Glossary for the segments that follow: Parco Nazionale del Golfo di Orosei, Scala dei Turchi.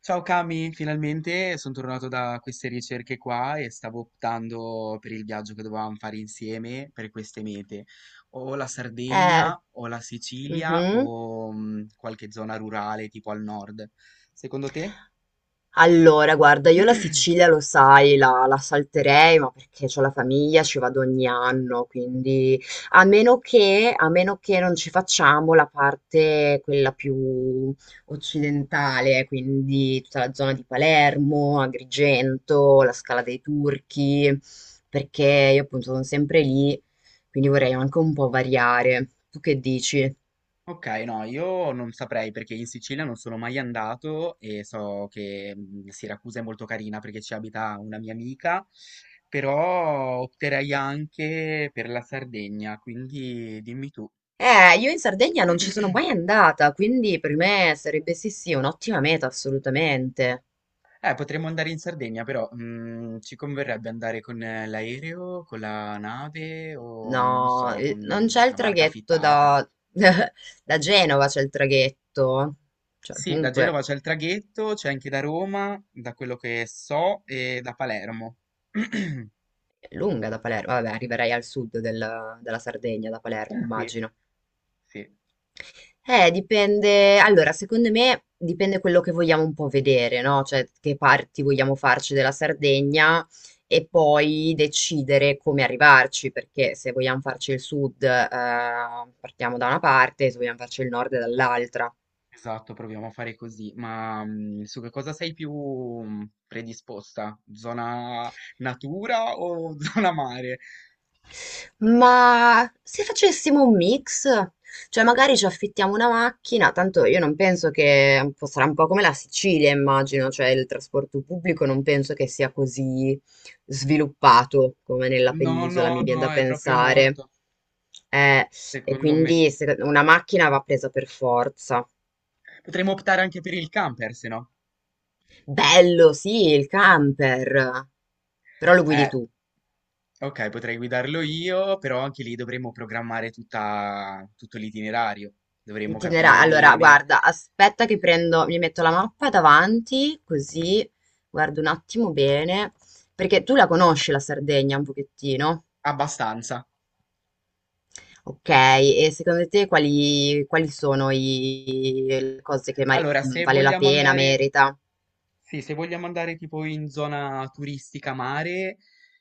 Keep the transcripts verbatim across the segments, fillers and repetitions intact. Ciao Cami, finalmente sono tornato da queste ricerche qua e stavo optando per il viaggio che dovevamo fare insieme per queste mete. O la Eh, Sardegna, o la Sicilia, mhm. o mm, qualche zona rurale tipo al nord. Secondo te? Allora, guarda, io la Sicilia lo sai, la, la salterei, ma perché c'ho la famiglia, ci vado ogni anno, quindi a meno che, a meno che non ci facciamo la parte quella più occidentale, quindi tutta la zona di Palermo, Agrigento, la Scala dei Turchi, perché io appunto sono sempre lì, quindi vorrei anche un po' variare. Tu che dici? Ok, no, io non saprei perché in Sicilia non sono mai andato e so che mm, Siracusa è molto carina perché ci abita una mia amica, però opterei anche per la Sardegna, quindi dimmi tu. Eh, io in Sardegna non ci sono mai andata, quindi per me sarebbe sì sì un'ottima meta assolutamente. Eh, potremmo andare in Sardegna, però mm, ci converrebbe andare con eh, l'aereo, con la nave o non No, so, con eh, non c'è il una barca traghetto affittata. da, da Genova, c'è il traghetto. Cioè, Sì, da Genova comunque c'è il traghetto, c'è anche da Roma, da quello che so, e da Palermo. è lunga da Palermo. Vabbè, arriverai al sud del- della Sardegna, da Palermo, Sì, immagino. sì, Eh, dipende. Allora, secondo me dipende quello che vogliamo un po' vedere, no? Cioè, che parti vogliamo farci della Sardegna e poi decidere come arrivarci, perché se vogliamo farci il sud, eh, partiamo da una parte, se vogliamo farci il nord dall'altra. esatto, proviamo a fare così. Ma mm, su che cosa sei più mm, predisposta? Zona natura o zona mare? Ma se facessimo un mix, cioè magari ci affittiamo una macchina, tanto io non penso che un po' sarà un po' come la Sicilia, immagino, cioè il trasporto pubblico non penso che sia così sviluppato come nella No, penisola, no, mi viene no, da è proprio pensare. morto, Eh, e secondo me. quindi se- una macchina va presa per forza. Potremmo optare anche per il camper, se no. Bello, sì, il camper, però lo guidi Eh, tu. ok, potrei guidarlo io, però anche lì dovremmo programmare tutta- tutto l'itinerario, dovremmo Itinerario. capire Allora, bene guarda, aspetta che prendo, mi metto la mappa davanti, così guardo un attimo bene, perché tu la conosci la Sardegna un pochettino. abbastanza. Ok, e secondo te quali, quali sono i- le cose che mari- Allora, mh, se vale la vogliamo pena, andare merita? sì, se vogliamo andare tipo in zona turistica mare,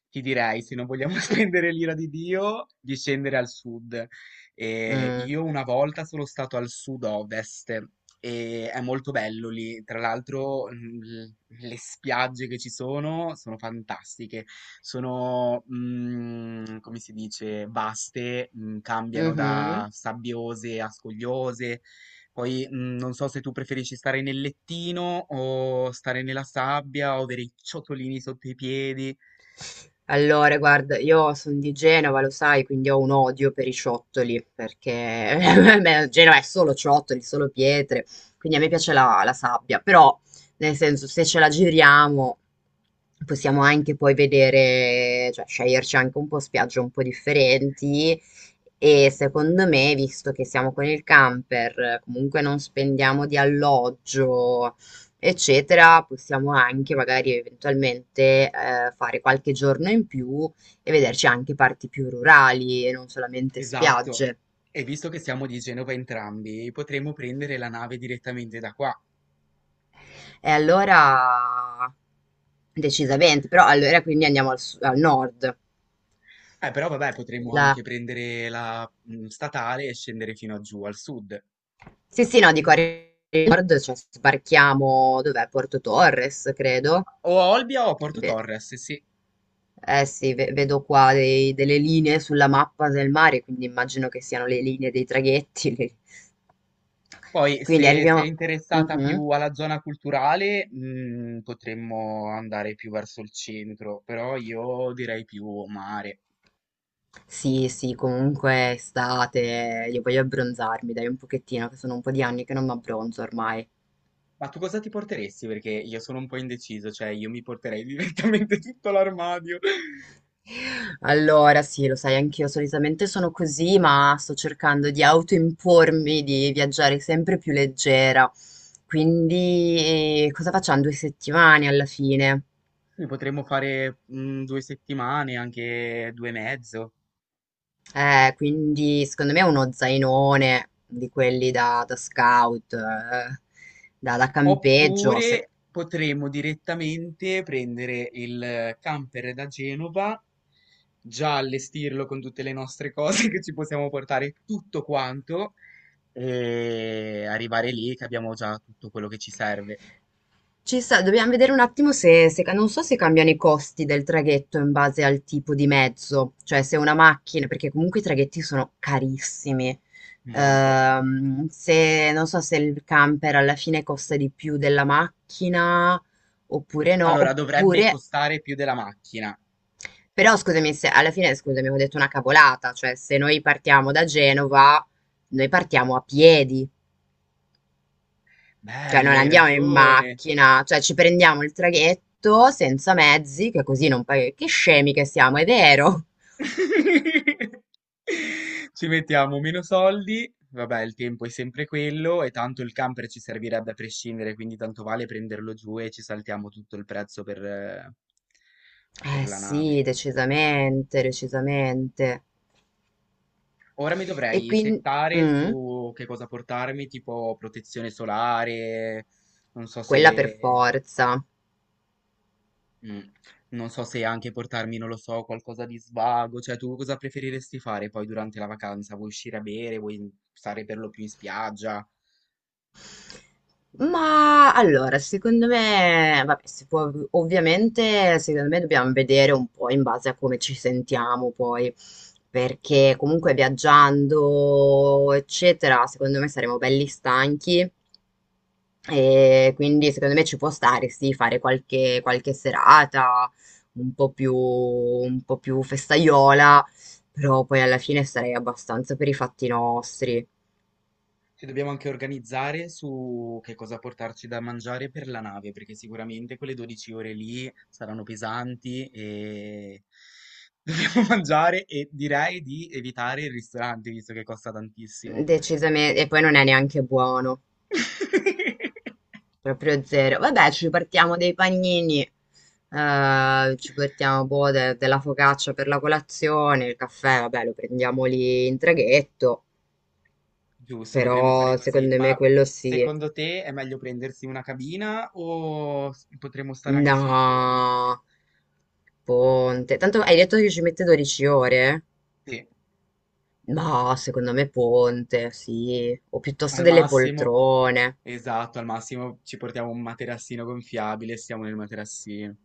ti direi, se non vogliamo spendere l'ira di Dio, di scendere al sud. E Mm. io una volta sono stato al sud-ovest e è molto bello lì. Tra l'altro, mm, l- le spiagge che ci sono sono fantastiche. Sono, mm, come si dice, vaste, mm, cambiano Mhm. da sabbiose a scogliose poi mh, non so se tu preferisci stare nel lettino o stare nella sabbia o avere i ciotolini sotto i piedi. Allora, guarda, io sono di Genova, lo sai, quindi ho un odio per i ciottoli, perché beh, Genova è solo ciottoli, solo pietre, quindi a me piace la, la sabbia, però, nel senso, se ce la giriamo, possiamo anche poi vedere, cioè sceglierci anche un po' spiagge un po' differenti e secondo me, visto che siamo con il camper, comunque non spendiamo di alloggio, eccetera, possiamo anche magari eventualmente, ehm, fare qualche giorno in più e vederci anche parti più rurali e non solamente Esatto. spiagge. E visto che siamo di Genova entrambi, potremmo prendere la nave direttamente da qua. E allora decisamente, però allora quindi andiamo al su- al nord. Eh, però vabbè, potremmo anche La- prendere la mh, statale e scendere fino a giù al sud. Sì, sì, no, dico a nord, cioè sbarchiamo, dov'è? Porto Torres, credo. O a Olbia o a Porto Torres, sì. Eh sì, ve- vedo qua dei- delle linee sulla mappa del mare, quindi immagino che siano le linee dei traghetti. Le- Poi, Quindi se sei arriviamo... interessata Mhm. più alla zona culturale, mh, potremmo andare più verso il centro, però io direi più mare. Sì, sì, comunque è estate, io voglio abbronzarmi, dai un pochettino, che sono un po' di anni che non mi abbronzo ormai. Ma tu cosa ti porteresti? Perché io sono un po' indeciso, cioè io mi porterei direttamente tutto l'armadio. Allora, sì, lo sai, anch'io solitamente sono così, ma sto cercando di autoimpormi di viaggiare sempre più leggera. Quindi, eh, cosa facciamo? Due settimane alla fine. Ne potremmo fare mm, due settimane, anche due e mezzo. Eh, quindi secondo me è uno zainone di quelli da, da scout, eh, da, da campeggio. Se- Oppure potremmo direttamente prendere il camper da Genova, già allestirlo con tutte le nostre cose che ci possiamo portare, tutto quanto, e arrivare lì che abbiamo già tutto quello che ci serve. Ci sta, dobbiamo vedere un attimo se, se- non so se cambiano i costi del traghetto in base al tipo di mezzo, cioè se una macchina, perché comunque i traghetti sono carissimi. Molto. Ehm, se, non so se il camper alla fine costa di più della macchina oppure no, Allora, dovrebbe oppure costare più della macchina. però scusami, se alla fine scusami, ho detto una cavolata, cioè se noi partiamo da Genova, noi partiamo a piedi, cioè non Bello, hai andiamo in ragione. macchina, cioè ci prendiamo il traghetto senza mezzi, che così non paghi. Che scemi che siamo, è vero? Ci mettiamo meno soldi, vabbè, il tempo è sempre quello e tanto il camper ci servirebbe a prescindere, quindi tanto vale prenderlo giù e ci saltiamo tutto il prezzo per, eh, per Eh la nave. sì, decisamente, decisamente. Ora mi E dovrei quindi... settare mm, su che cosa portarmi, tipo protezione solare, non so quella per se forza. mh. Non so se anche portarmi, non lo so, qualcosa di svago, cioè tu cosa preferiresti fare poi durante la vacanza? Vuoi uscire a bere? Vuoi mhmm, stare per lo più in spiaggia? Ma allora, secondo me, vabbè, si può, ov- ovviamente, secondo me dobbiamo vedere un po' in base a come ci sentiamo poi, perché comunque viaggiando, eccetera, secondo me saremo belli stanchi e quindi secondo me ci può stare, sì, fare qualche, qualche serata un po' più, un po' più festaiola, però poi alla fine sarei abbastanza per i fatti nostri, Ci dobbiamo anche organizzare su che cosa portarci da mangiare per la nave, perché sicuramente quelle dodici ore lì saranno pesanti e dobbiamo mangiare e direi di evitare il ristorante, visto che costa tantissimo. decisamente, e poi non è neanche buono. Proprio zero. Vabbè, ci partiamo dei panini, eh, ci partiamo boh, de- della focaccia per la colazione, il caffè, vabbè, lo prendiamo lì in traghetto, Giusto, potremmo fare però così, secondo me ma quello sì. secondo te è meglio prendersi una cabina o s- potremmo stare anche sul ponte? No, ponte. Tanto hai detto che ci mette dodici ore? Sì, Ma secondo me ponte, sì. O piuttosto al delle massimo, poltrone. esatto, al massimo ci portiamo un materassino gonfiabile, stiamo nel materassino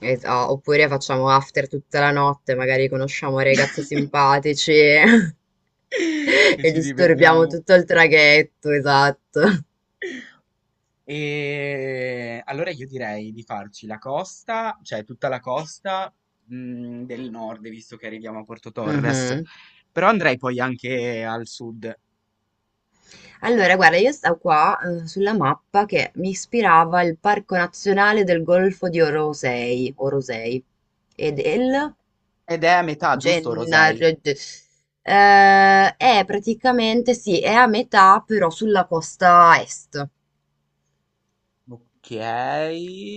Esa oppure facciamo after tutta la notte, magari conosciamo ragazzi simpatici e e ci disturbiamo divertiamo. tutto il traghetto, esatto. E allora io direi di farci la costa, cioè tutta la costa, mm, del nord, visto che arriviamo a Porto Torres, Mhm. però andrei poi anche al sud. Allora, guarda, io stavo qua eh, sulla mappa che mi ispirava il Parco Nazionale del Golfo di Orosei, Orosei e del Ed è a metà, giusto, Rosei? Gennaro. Ge- Eh, è praticamente, sì, è a metà però sulla costa est. Ok.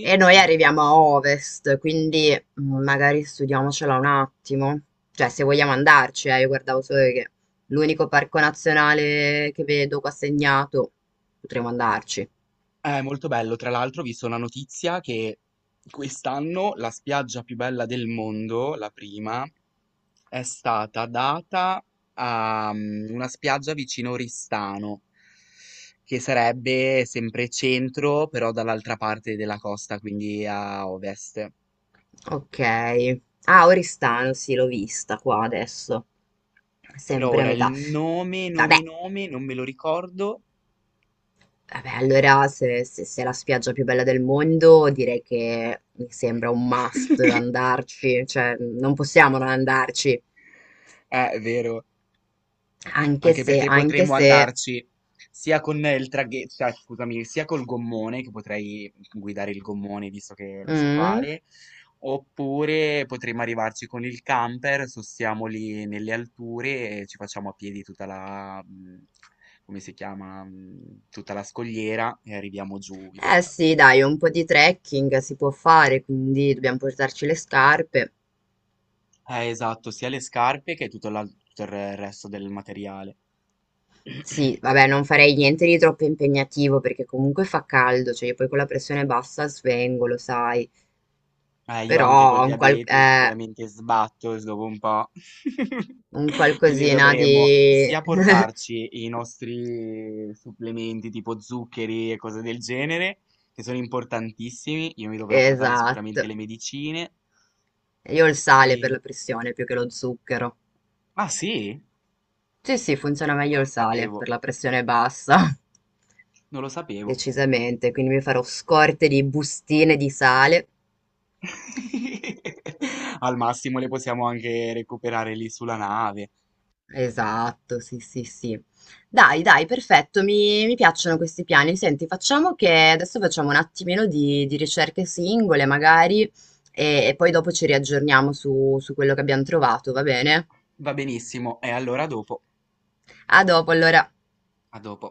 E noi arriviamo a ovest, quindi mm, magari studiamocela un attimo. Cioè, se vogliamo andarci, eh, io guardavo solo che l'unico parco nazionale che vedo qua segnato, potremmo andarci. È molto bello. Tra l'altro, ho visto una notizia che quest'anno la spiaggia più bella del mondo, la prima, è stata data a mm, una spiaggia vicino Oristano, che sarebbe sempre centro, però dall'altra parte della costa, quindi a ovest. Ok. Ah, Oristano, sì, l'ho vista qua adesso. Però Sempre a ora metà. il nome, Vabbè, nome, nome, non me lo ricordo. vabbè, allora se, se- se è la spiaggia più bella del mondo, direi che mi sembra un must andarci. Cioè, non possiamo non andarci. Eh, è vero. Anche Anche se, perché anche potremmo se... andarci sia con il traghetto, cioè, scusami, sia col gommone, che potrei guidare il gommone visto che lo so Mm. fare, oppure potremmo arrivarci con il camper, sostiamo lì nelle alture e ci facciamo a piedi tutta la, mh, come si chiama, mh, tutta la scogliera e arriviamo giù in Eh spiaggia. sì, dai, un po' di trekking si può fare, quindi dobbiamo portarci le scarpe. Eh, esatto, sia le scarpe che tutto, l'al- tutto il resto del materiale. Sì, vabbè, non farei niente di troppo impegnativo perché comunque fa caldo, cioè io poi con la pressione bassa svengo, lo sai. Eh, io Però anche col un, qual- diabete eh, sicuramente sbatto dopo un po'. un Quindi qualcosina dovremmo di... sia portarci i nostri supplementi tipo zuccheri e cose del genere, che sono importantissimi. Io mi dovrò portare sicuramente Esatto. le medicine. Io ho il sale per E... la pressione più che lo zucchero. ah sì? Non Sì, sì, funziona lo meglio il sale per sapevo. la pressione bassa. Non lo sapevo. Decisamente, quindi mi farò scorte di bustine di sale. Al massimo le possiamo anche recuperare lì sulla nave. Esatto, sì, sì, sì. Dai, dai, perfetto, mi, mi piacciono questi piani. Senti, facciamo che adesso facciamo un attimino di, di ricerche singole, magari, e, e poi dopo ci riaggiorniamo su su quello che abbiamo trovato, va bene? Va benissimo. E allora a dopo. A dopo, allora. A dopo.